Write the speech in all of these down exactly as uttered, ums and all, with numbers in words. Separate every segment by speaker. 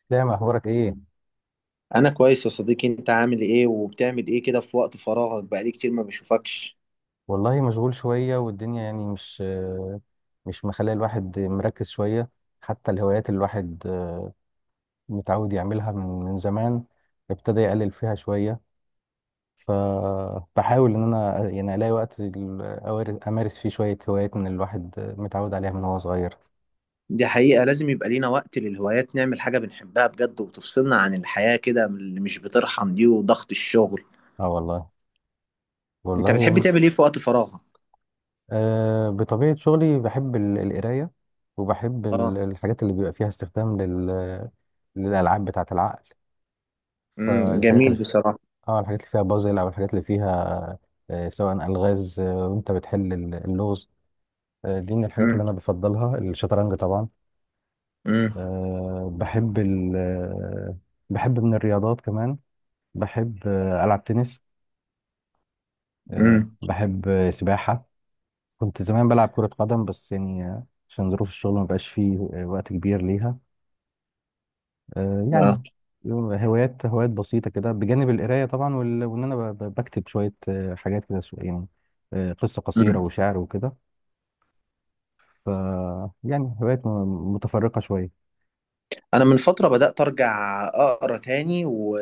Speaker 1: اسلام اخبارك ايه؟
Speaker 2: انا كويس يا صديقي. انت عامل ايه وبتعمل ايه كده في وقت فراغك؟ بقالي كتير ما بشوفكش.
Speaker 1: والله مشغول شويه والدنيا يعني مش مش مخليه الواحد مركز شويه. حتى الهوايات اللي الواحد آه، متعود يعملها من من زمان ابتدى يقلل فيها شويه. فبحاول ان انا يعني الاقي وقت ال- أوار- امارس فيه شويه هوايات من الواحد متعود عليها من وهو صغير.
Speaker 2: دي حقيقة، لازم يبقى لينا وقت للهوايات نعمل حاجة بنحبها بجد وتفصلنا عن الحياة كده من اللي مش بترحم دي وضغط الشغل.
Speaker 1: اه والله.
Speaker 2: انت
Speaker 1: والله
Speaker 2: بتحب
Speaker 1: يعني
Speaker 2: تعمل ايه في وقت فراغك؟
Speaker 1: آه، بطبيعه شغلي بحب ال- القرايه، وبحب
Speaker 2: اه.
Speaker 1: ال- الحاجات اللي بيبقى فيها استخدام لل للألعاب بتاعة العقل.
Speaker 2: امم
Speaker 1: فالحاجات اللي
Speaker 2: جميل
Speaker 1: في...
Speaker 2: بصراحة.
Speaker 1: اه الحاجات اللي فيها بازل او الحاجات اللي فيها آه، سواء الغاز، آه، وانت بتحل ال- اللغز. آه، دي من الحاجات اللي
Speaker 2: امم.
Speaker 1: انا بفضلها الشطرنج طبعا.
Speaker 2: امم.
Speaker 1: آه، بحب ال... آه، بحب من الرياضات كمان، بحب آه، العب تنس، آه،
Speaker 2: امم.
Speaker 1: بحب آه، سباحة. كنت زمان بلعب كرة قدم بس يعني آه، عشان ظروف الشغل ما بقاش فيه آه، وقت كبير ليها. آه،
Speaker 2: اه.
Speaker 1: يعني هوايات هوايات بسيطة كده بجانب القراية طبعا وال- وإن أنا ب- ب- بكتب شوية آه، حاجات كده شو- يعني آه، قصة قصيرة
Speaker 2: امم.
Speaker 1: وشعر وكده. ف يعني هوايات م- متفرقة شوية.
Speaker 2: انا من فترة بدأت ارجع اقرا تاني و...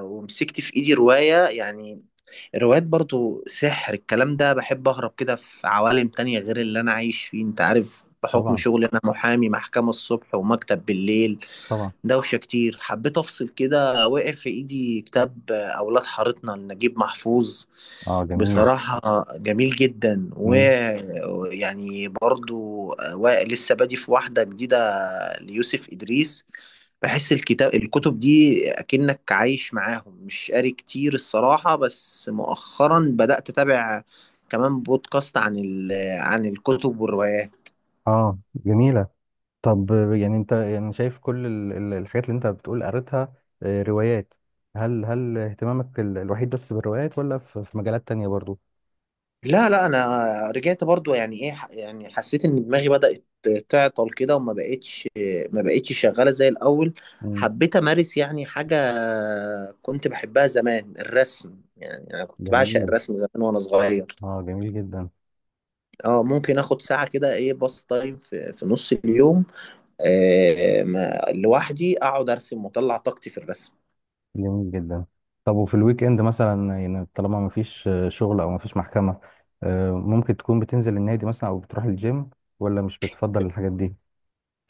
Speaker 2: ومسكت في ايدي رواية يعني. الروايات برضو سحر الكلام ده، بحب أهرب كده في عوالم تانية غير اللي أنا عايش فيه. أنت عارف، بحكم
Speaker 1: طبعا.
Speaker 2: شغلي أنا محامي، محكمة الصبح ومكتب بالليل،
Speaker 1: طبعا.
Speaker 2: دوشة كتير، حبيت أفصل كده. وقع في إيدي كتاب أولاد حارتنا لنجيب محفوظ.
Speaker 1: اه جميل.
Speaker 2: بصراحة جميل جدا،
Speaker 1: مم.
Speaker 2: ويعني برضو و- لسه بادي في واحدة جديدة ليوسف إدريس. بحس الكتاب الكتب دي اكنك عايش معاهم، مش قاري كتير الصراحة، بس مؤخرا بدأت أتابع كمان بودكاست عن ال... عن الكتب والروايات.
Speaker 1: اه جميلة. طب آه، يعني أنت يعني شايف كل ال- ال- الحاجات اللي أنت بتقول قريتها آه، روايات، هل هل اهتمامك ال- الوحيد بس بالروايات، ولا في في مجالات تانية برضو؟
Speaker 2: لا، لا، انا رجعت برضو، يعني ايه، يعني حسيت ان دماغي بدأت تعطل كده، وما بقتش ما بقتش شغالة زي الاول.
Speaker 1: مم.
Speaker 2: حبيت امارس يعني حاجة كنت بحبها زمان، الرسم، يعني انا كنت بعشق
Speaker 1: جميل.
Speaker 2: الرسم زمان وانا صغير.
Speaker 1: اه جميل جدا.
Speaker 2: اه، ممكن اخد ساعة كده، ايه، باص تايم في في نص اليوم. آه، ما لوحدي اقعد ارسم واطلع طاقتي في الرسم.
Speaker 1: جميل جدا. طب وفي الويك اند مثلا يعني طالما ما فيش شغل او ما فيش محكمة، آه، ممكن تكون بتنزل النادي مثلا او بتروح الجيم، ولا مش بتفضل الحاجات دي؟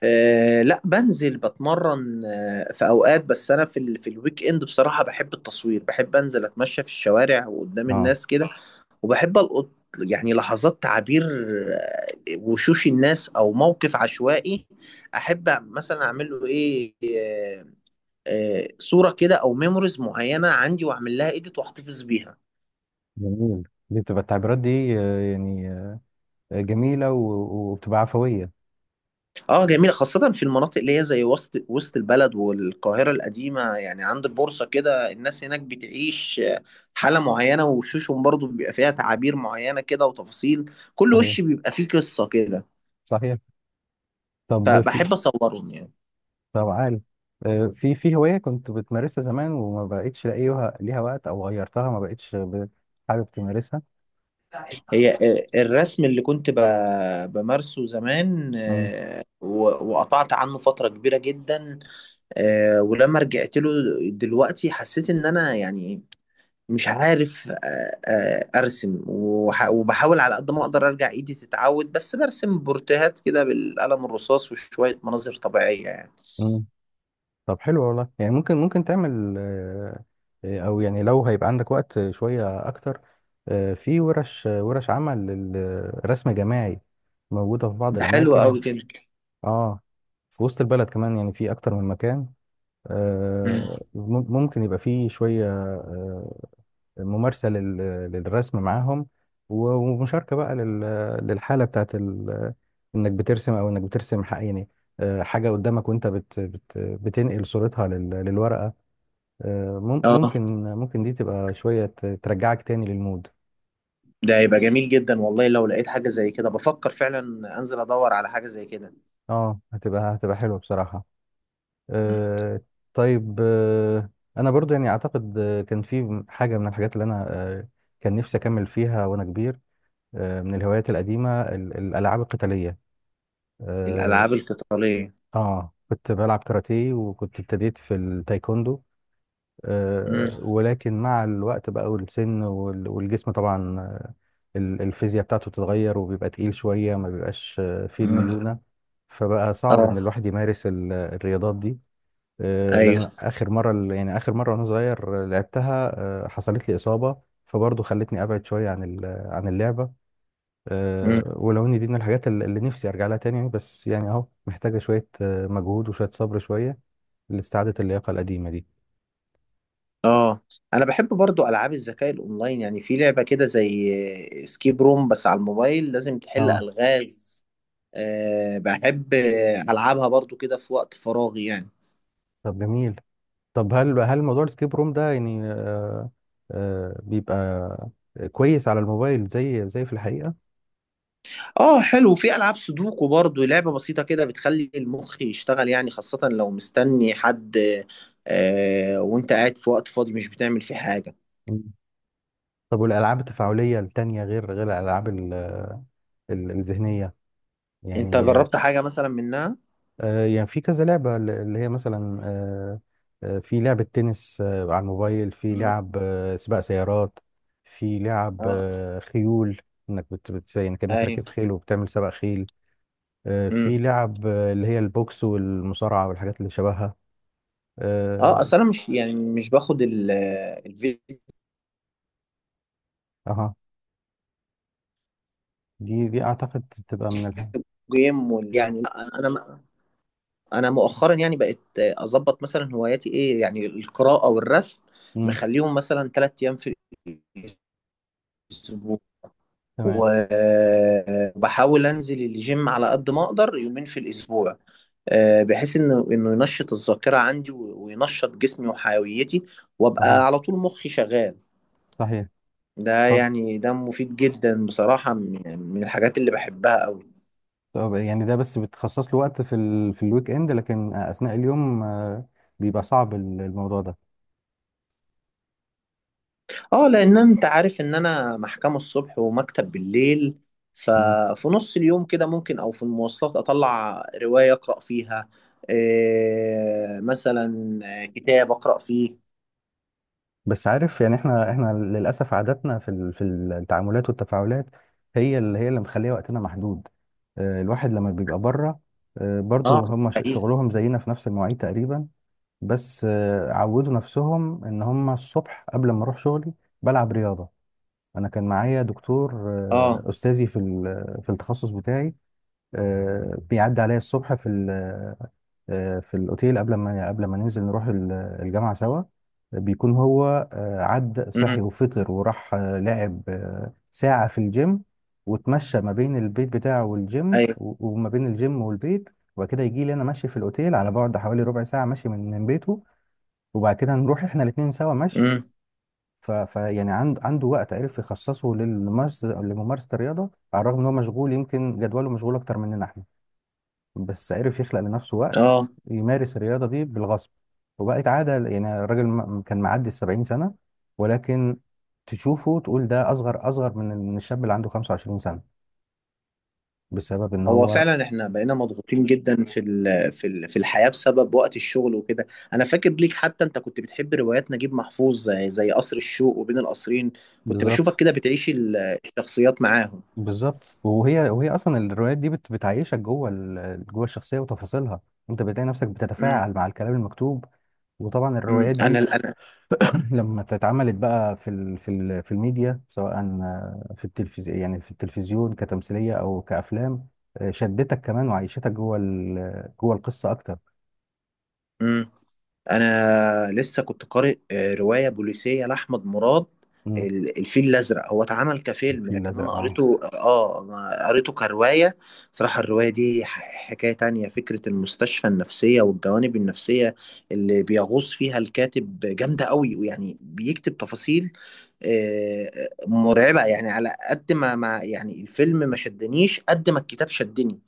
Speaker 2: آه، لا، بنزل بتمرن آه، في اوقات، بس انا في ال... في الويك اند بصراحة بحب التصوير، بحب انزل اتمشى في الشوارع وقدام
Speaker 1: اه
Speaker 2: الناس كده. وبحب القط، يعني لحظات تعبير، آه، وشوش الناس او موقف عشوائي. احب مثلا اعمل له ايه، آه، آه، صورة كده، او ميموريز معينة عندي واعمل لها ايديت واحتفظ بيها.
Speaker 1: جميل. دي بتبقى التعبيرات دي آه، يعني آه، جميلة و- وبتبقى عفوية.
Speaker 2: اه، جميلة، خاصة في المناطق اللي هي زي وسط وسط البلد والقاهرة القديمة، يعني عند البورصة كده. الناس هناك بتعيش حالة معينة، وشوشهم برضو بيبقى فيها تعابير معينة كده، وتفاصيل كل
Speaker 1: صحيح.
Speaker 2: وش بيبقى فيه قصة كده.
Speaker 1: صحيح. طب في،
Speaker 2: فبحب أصورهم يعني.
Speaker 1: طب عالي، آه، في في هواية كنت بتمارسها زمان وما بقتش لاقيها ليها وقت، او غيرتها ما بقتش ب- حابب تمارسها؟
Speaker 2: هي آه، الرسم اللي كنت ب- بمارسه زمان،
Speaker 1: مم.
Speaker 2: آه، و- وقطعت عنه فترة كبيرة جدا. آه، ولما رجعت له دلوقتي حسيت إن أنا يعني مش عارف، آه، آه، ارسم وح- وبحاول على قد ما اقدر ارجع ايدي تتعود، بس برسم بورتيهات كده بالقلم الرصاص وشوية مناظر طبيعية يعني.
Speaker 1: مم. طب حلو والله، يعني ممكن ممكن تعمل آه، آه، او يعني لو هيبقى عندك وقت شوية اكتر آه، في ورش، آه، ورش عمل للرسم الجماعي موجودة في بعض
Speaker 2: ده حلو
Speaker 1: الاماكن.
Speaker 2: قوي كده.
Speaker 1: اه في وسط البلد كمان، يعني في اكتر من مكان.
Speaker 2: مم.
Speaker 1: آه، مم- ممكن يبقى في شوية آه، ممارسة لل- للرسم معاهم و- ومشاركة بقى لل- للحالة بتاعت ال- انك بترسم، او انك بترسم حق يعني آه، حاجة قدامك، وانت بت بت بتنقل صورتها لل- للورقة. آه، مم-
Speaker 2: اه.
Speaker 1: ممكن ممكن دي تبقى شوية ت- ترجعك تاني للمود.
Speaker 2: ده يبقى جميل جدا والله، لو لقيت حاجة زي كده بفكر فعلا انزل ادور على حاجة زي كده.
Speaker 1: اه هتبقى هتبقى حلوة بصراحة.
Speaker 2: مم.
Speaker 1: آه، طيب آه، انا برضو يعني اعتقد آه، كان في حاجة من الحاجات اللي انا آه، كان نفسي اكمل فيها وانا كبير، آه، من الهوايات القديمة ال- الالعاب القتالية. اه،
Speaker 2: الالعاب القتالية؟
Speaker 1: آه، كنت بلعب كاراتيه، وكنت ابتديت في التايكوندو، آه،
Speaker 2: مم.
Speaker 1: ولكن مع الوقت بقى والسن وال- والجسم طبعا آه، ال- الفيزياء بتاعته بتتغير وبيبقى تقيل شوية، ما بيبقاش آه، فيه
Speaker 2: مم.
Speaker 1: الليونة. فبقى صعب ان
Speaker 2: اه.
Speaker 1: الواحد يمارس ال- الرياضات دي. آه، لان
Speaker 2: ايوه.
Speaker 1: اخر مرة ال- يعني اخر مرة وانا صغير آه، لعبتها آه، حصلت لي إصابة، فبرضه خلتني ابعد شوية عن ال- عن اللعبة. آه، ولو ان دي من الحاجات ال- اللي نفسي ارجع لها تاني، يعني بس يعني اهو محتاجة شوية آه، مجهود وشوية صبر شوية لاستعادة اللياقة القديمة دي.
Speaker 2: اه. انا بحب برضو العاب الذكاء الاونلاين، يعني في لعبه كده زي سكيب روم بس على الموبايل، لازم تحل
Speaker 1: اه.
Speaker 2: الغاز. أه، بحب العبها برضو كده في وقت فراغي يعني.
Speaker 1: طب جميل. طب هل هل موضوع السكيب روم ده يعني آه آه بيبقى كويس على الموبايل زي زي في الحقيقة؟
Speaker 2: اه، حلو، في العاب سودوكو برضو، لعبه بسيطه كده بتخلي المخ يشتغل، يعني خاصه لو مستني حد. أه، وانت قاعد في وقت فاضي مش بتعمل فيه حاجه.
Speaker 1: مم. طب والألعاب التفاعلية التانية غير غير الألعاب ال- ال- الذهنية،
Speaker 2: انت
Speaker 1: يعني
Speaker 2: جربت حاجه مثلا منها؟
Speaker 1: آه يعني في كذا لعبة ل- اللي هي مثلا آه آه، في لعبة تنس آه على الموبايل، في
Speaker 2: مم.
Speaker 1: لعب آه سباق سيارات، في لعب
Speaker 2: اه.
Speaker 1: آه خيول، انك بت بت- يعني كأنك
Speaker 2: ايوه.
Speaker 1: راكب خيل وبتعمل سباق خيل، آه
Speaker 2: مم.
Speaker 1: في لعب آه اللي هي البوكس والمصارعة والحاجات اللي شبهها.
Speaker 2: اه،
Speaker 1: آه،
Speaker 2: اصل انا مش، يعني مش باخد ال-
Speaker 1: اها دي دي اعتقد تبقى من الهم.
Speaker 2: جيم وال... يعني لا، انا انا مؤخرا يعني بقيت اظبط مثلا هواياتي ايه، يعني القراءه والرسم،
Speaker 1: امم.
Speaker 2: مخليهم مثلا ثلاث ايام في الاسبوع.
Speaker 1: تمام.
Speaker 2: و- وبحاول انزل الجيم على قد ما اقدر يومين في الاسبوع، آه، بحيث انه انه ينشط الذاكره عندي و- وينشط جسمي وحيويتي،
Speaker 1: صحيح.
Speaker 2: وابقى على طول مخي شغال.
Speaker 1: صحيح.
Speaker 2: ده
Speaker 1: طب
Speaker 2: يعني ده مفيد جدا بصراحه، من من الحاجات اللي بحبها قوي.
Speaker 1: طب يعني ده بس بتخصص له وقت في ال... في الويك اند، لكن اثناء اليوم آه، بيبقى صعب ال- الموضوع ده.
Speaker 2: اه، لان انت عارف ان انا محكمة الصبح ومكتب بالليل.
Speaker 1: مم.
Speaker 2: ففي نص اليوم كده ممكن، او في المواصلات اطلع رواية اقرأ فيها، إيه مثلا، آه، كتاب اقرأ فيه.
Speaker 1: بس عارف يعني احنا احنا للاسف عاداتنا في ال... في التعاملات والتفاعلات هي اللي هي اللي مخليه وقتنا محدود. آه، الواحد لما بيبقى بره، آه،
Speaker 2: اه.
Speaker 1: برضو هم ش-
Speaker 2: حقيقي.
Speaker 1: شغلهم زينا في نفس المواعيد تقريبا، بس آه، عودوا نفسهم ان هم الصبح قبل ما اروح شغلي بلعب رياضة. انا كان معايا دكتور آه،
Speaker 2: اه.
Speaker 1: استاذي في ال- في التخصص بتاعي، آه، بيعدي عليا الصبح في ال- آه، في الاوتيل قبل ما قبل ما ننزل نروح ال- الجامعه سوا. بيكون هو آه، عد
Speaker 2: امم.
Speaker 1: صحي وفطر وراح آه، لعب آه، ساعه في الجيم، واتمشى ما بين البيت بتاعه والجيم
Speaker 2: ايوه.
Speaker 1: و- وما بين الجيم والبيت، وبعد كده يجي لي انا ماشي في الاوتيل على بعد حوالي ربع ساعه ماشي من من بيته، وبعد كده نروح احنا الاتنين سوا مشي.
Speaker 2: امم.
Speaker 1: ف... ف يعني عند... عنده وقت عرف يخصصه للممارسة لممارسة الرياضة، على الرغم ان هو مشغول، يمكن جدوله مشغول اكتر مننا احنا، بس عرف يخلق لنفسه وقت
Speaker 2: اه.
Speaker 1: يمارس الرياضة دي بالغصب وبقت عادة. يعني الراجل م- كان معدي السبعين سنة، ولكن تشوفه تقول ده اصغر اصغر من من الشاب اللي عنده خمسة وعشرين سنة، بسبب ان
Speaker 2: هو
Speaker 1: هو.
Speaker 2: فعلا احنا بقينا مضغوطين جدا في ال في ال في الحياة بسبب وقت الشغل وكده. انا فاكر ليك حتى انت كنت بتحب روايات نجيب محفوظ زي زي قصر الشوق وبين القصرين. كنت بشوفك
Speaker 1: بالظبط.
Speaker 2: كده بتعيش ال- الشخصيات معاهم.
Speaker 1: بالظبط وهي وهي اصلا الروايات دي بت... بتعيشك جوه ال... جوه الشخصية وتفاصيلها. انت بتلاقي نفسك بتتفاعل مع الكلام المكتوب، وطبعا
Speaker 2: مم.
Speaker 1: الروايات
Speaker 2: انا
Speaker 1: دي
Speaker 2: انا
Speaker 1: لما اتعملت بقى في ال في ال في الميديا، سواء آه، في التلفزيون يعني في التلفزيون كتمثيلية او كافلام، آه، شدتك كمان وعيشتك جوه ال- جوه القصة اكتر.
Speaker 2: مم. انا لسه كنت قارئ آه، روايه بوليسيه لاحمد مراد.
Speaker 1: مم.
Speaker 2: ال- الفيل الازرق هو اتعمل كفيلم،
Speaker 1: الفيل
Speaker 2: لكن انا
Speaker 1: الازرق، اه
Speaker 2: قريته، اه أنا قريته كروايه. صراحه الروايه دي ح- حكايه تانية، فكره المستشفى النفسيه والجوانب النفسيه اللي بيغوص فيها الكاتب جامده قوي، ويعني بيكتب تفاصيل آه، مرعبه، يعني على قد ما ما يعني الفيلم ما شدنيش قد ما الكتاب شدني.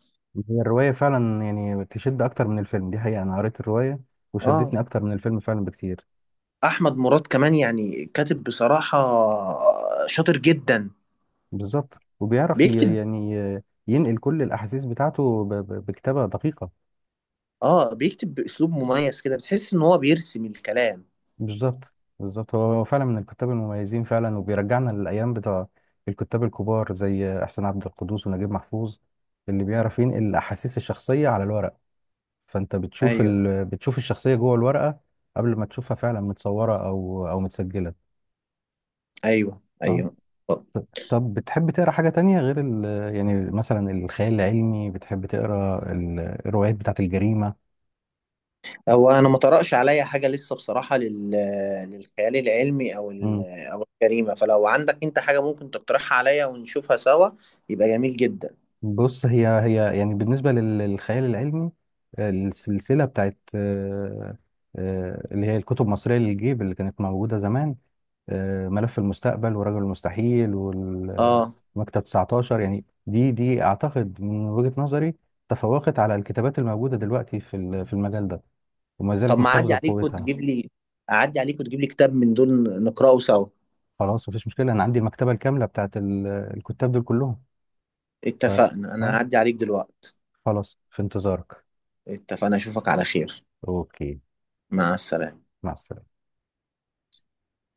Speaker 1: هي الرواية فعلا يعني تشد اكتر من الفيلم، دي حقيقة، انا قريت الرواية
Speaker 2: اه،
Speaker 1: وشدتني اكتر من الفيلم فعلا بكتير.
Speaker 2: احمد مراد كمان يعني كاتب بصراحه شاطر جدا.
Speaker 1: بالظبط، وبيعرف ي-
Speaker 2: بيكتب
Speaker 1: يعني آه، ينقل كل الاحاسيس بتاعته ب- ب- بكتابة دقيقة.
Speaker 2: اه بيكتب باسلوب مميز كده، بتحس ان هو بيرسم الكلام.
Speaker 1: بالظبط بالظبط، هو هو فعلا من الكتاب المميزين فعلا، وبيرجعنا للايام بتوع الكتاب الكبار زي احسان عبد القدوس ونجيب محفوظ اللي بيعرف ينقل الاحاسيس الشخصيه على الورق. فانت بتشوف
Speaker 2: ايوه،
Speaker 1: ال... بتشوف الشخصيه جوه الورقه قبل ما تشوفها فعلا متصوره او او متسجله.
Speaker 2: ايوه،
Speaker 1: اه.
Speaker 2: ايوه.
Speaker 1: ط- طب بتحب تقرا حاجه تانية غير ال...، يعني مثلا الخيال العلمي، بتحب تقرا ال- الروايات بتاعت الجريمه؟
Speaker 2: هو انا ما طرقش عليا حاجه لسه بصراحه لل... للخيال العلمي، او ال... او الجريمه. فلو عندك انت حاجه ممكن تقترحها عليا ونشوفها سوا يبقى جميل جدا.
Speaker 1: بص، هي هي يعني بالنسبة لل- للخيال العلمي آه، السلسلة بتاعت آه، آه، اللي هي الكتب المصرية للجيب اللي كانت موجودة زمان، آه، ملف المستقبل ورجل المستحيل
Speaker 2: اه،
Speaker 1: والمكتب تسعتاشر، يعني دي دي أعتقد من وجهة نظري تفوقت على الكتابات الموجودة دلوقتي في ال- في المجال ده، وما
Speaker 2: طب
Speaker 1: زالت
Speaker 2: ما اعدي
Speaker 1: محتفظة
Speaker 2: عليك
Speaker 1: بقوتها.
Speaker 2: وتجيب لي اعدي عليك وتجيب لي كتاب من دول نقراه سوا.
Speaker 1: خلاص مفيش مشكلة، أنا عندي المكتبة الكاملة بتاعت ال- الكتاب دول كلهم. ف،
Speaker 2: اتفقنا، انا
Speaker 1: آه،
Speaker 2: هعدي عليك دلوقتي.
Speaker 1: خلاص في انتظارك.
Speaker 2: اتفقنا، اشوفك على خير.
Speaker 1: أوكي.
Speaker 2: مع السلامة.
Speaker 1: مع السلامة.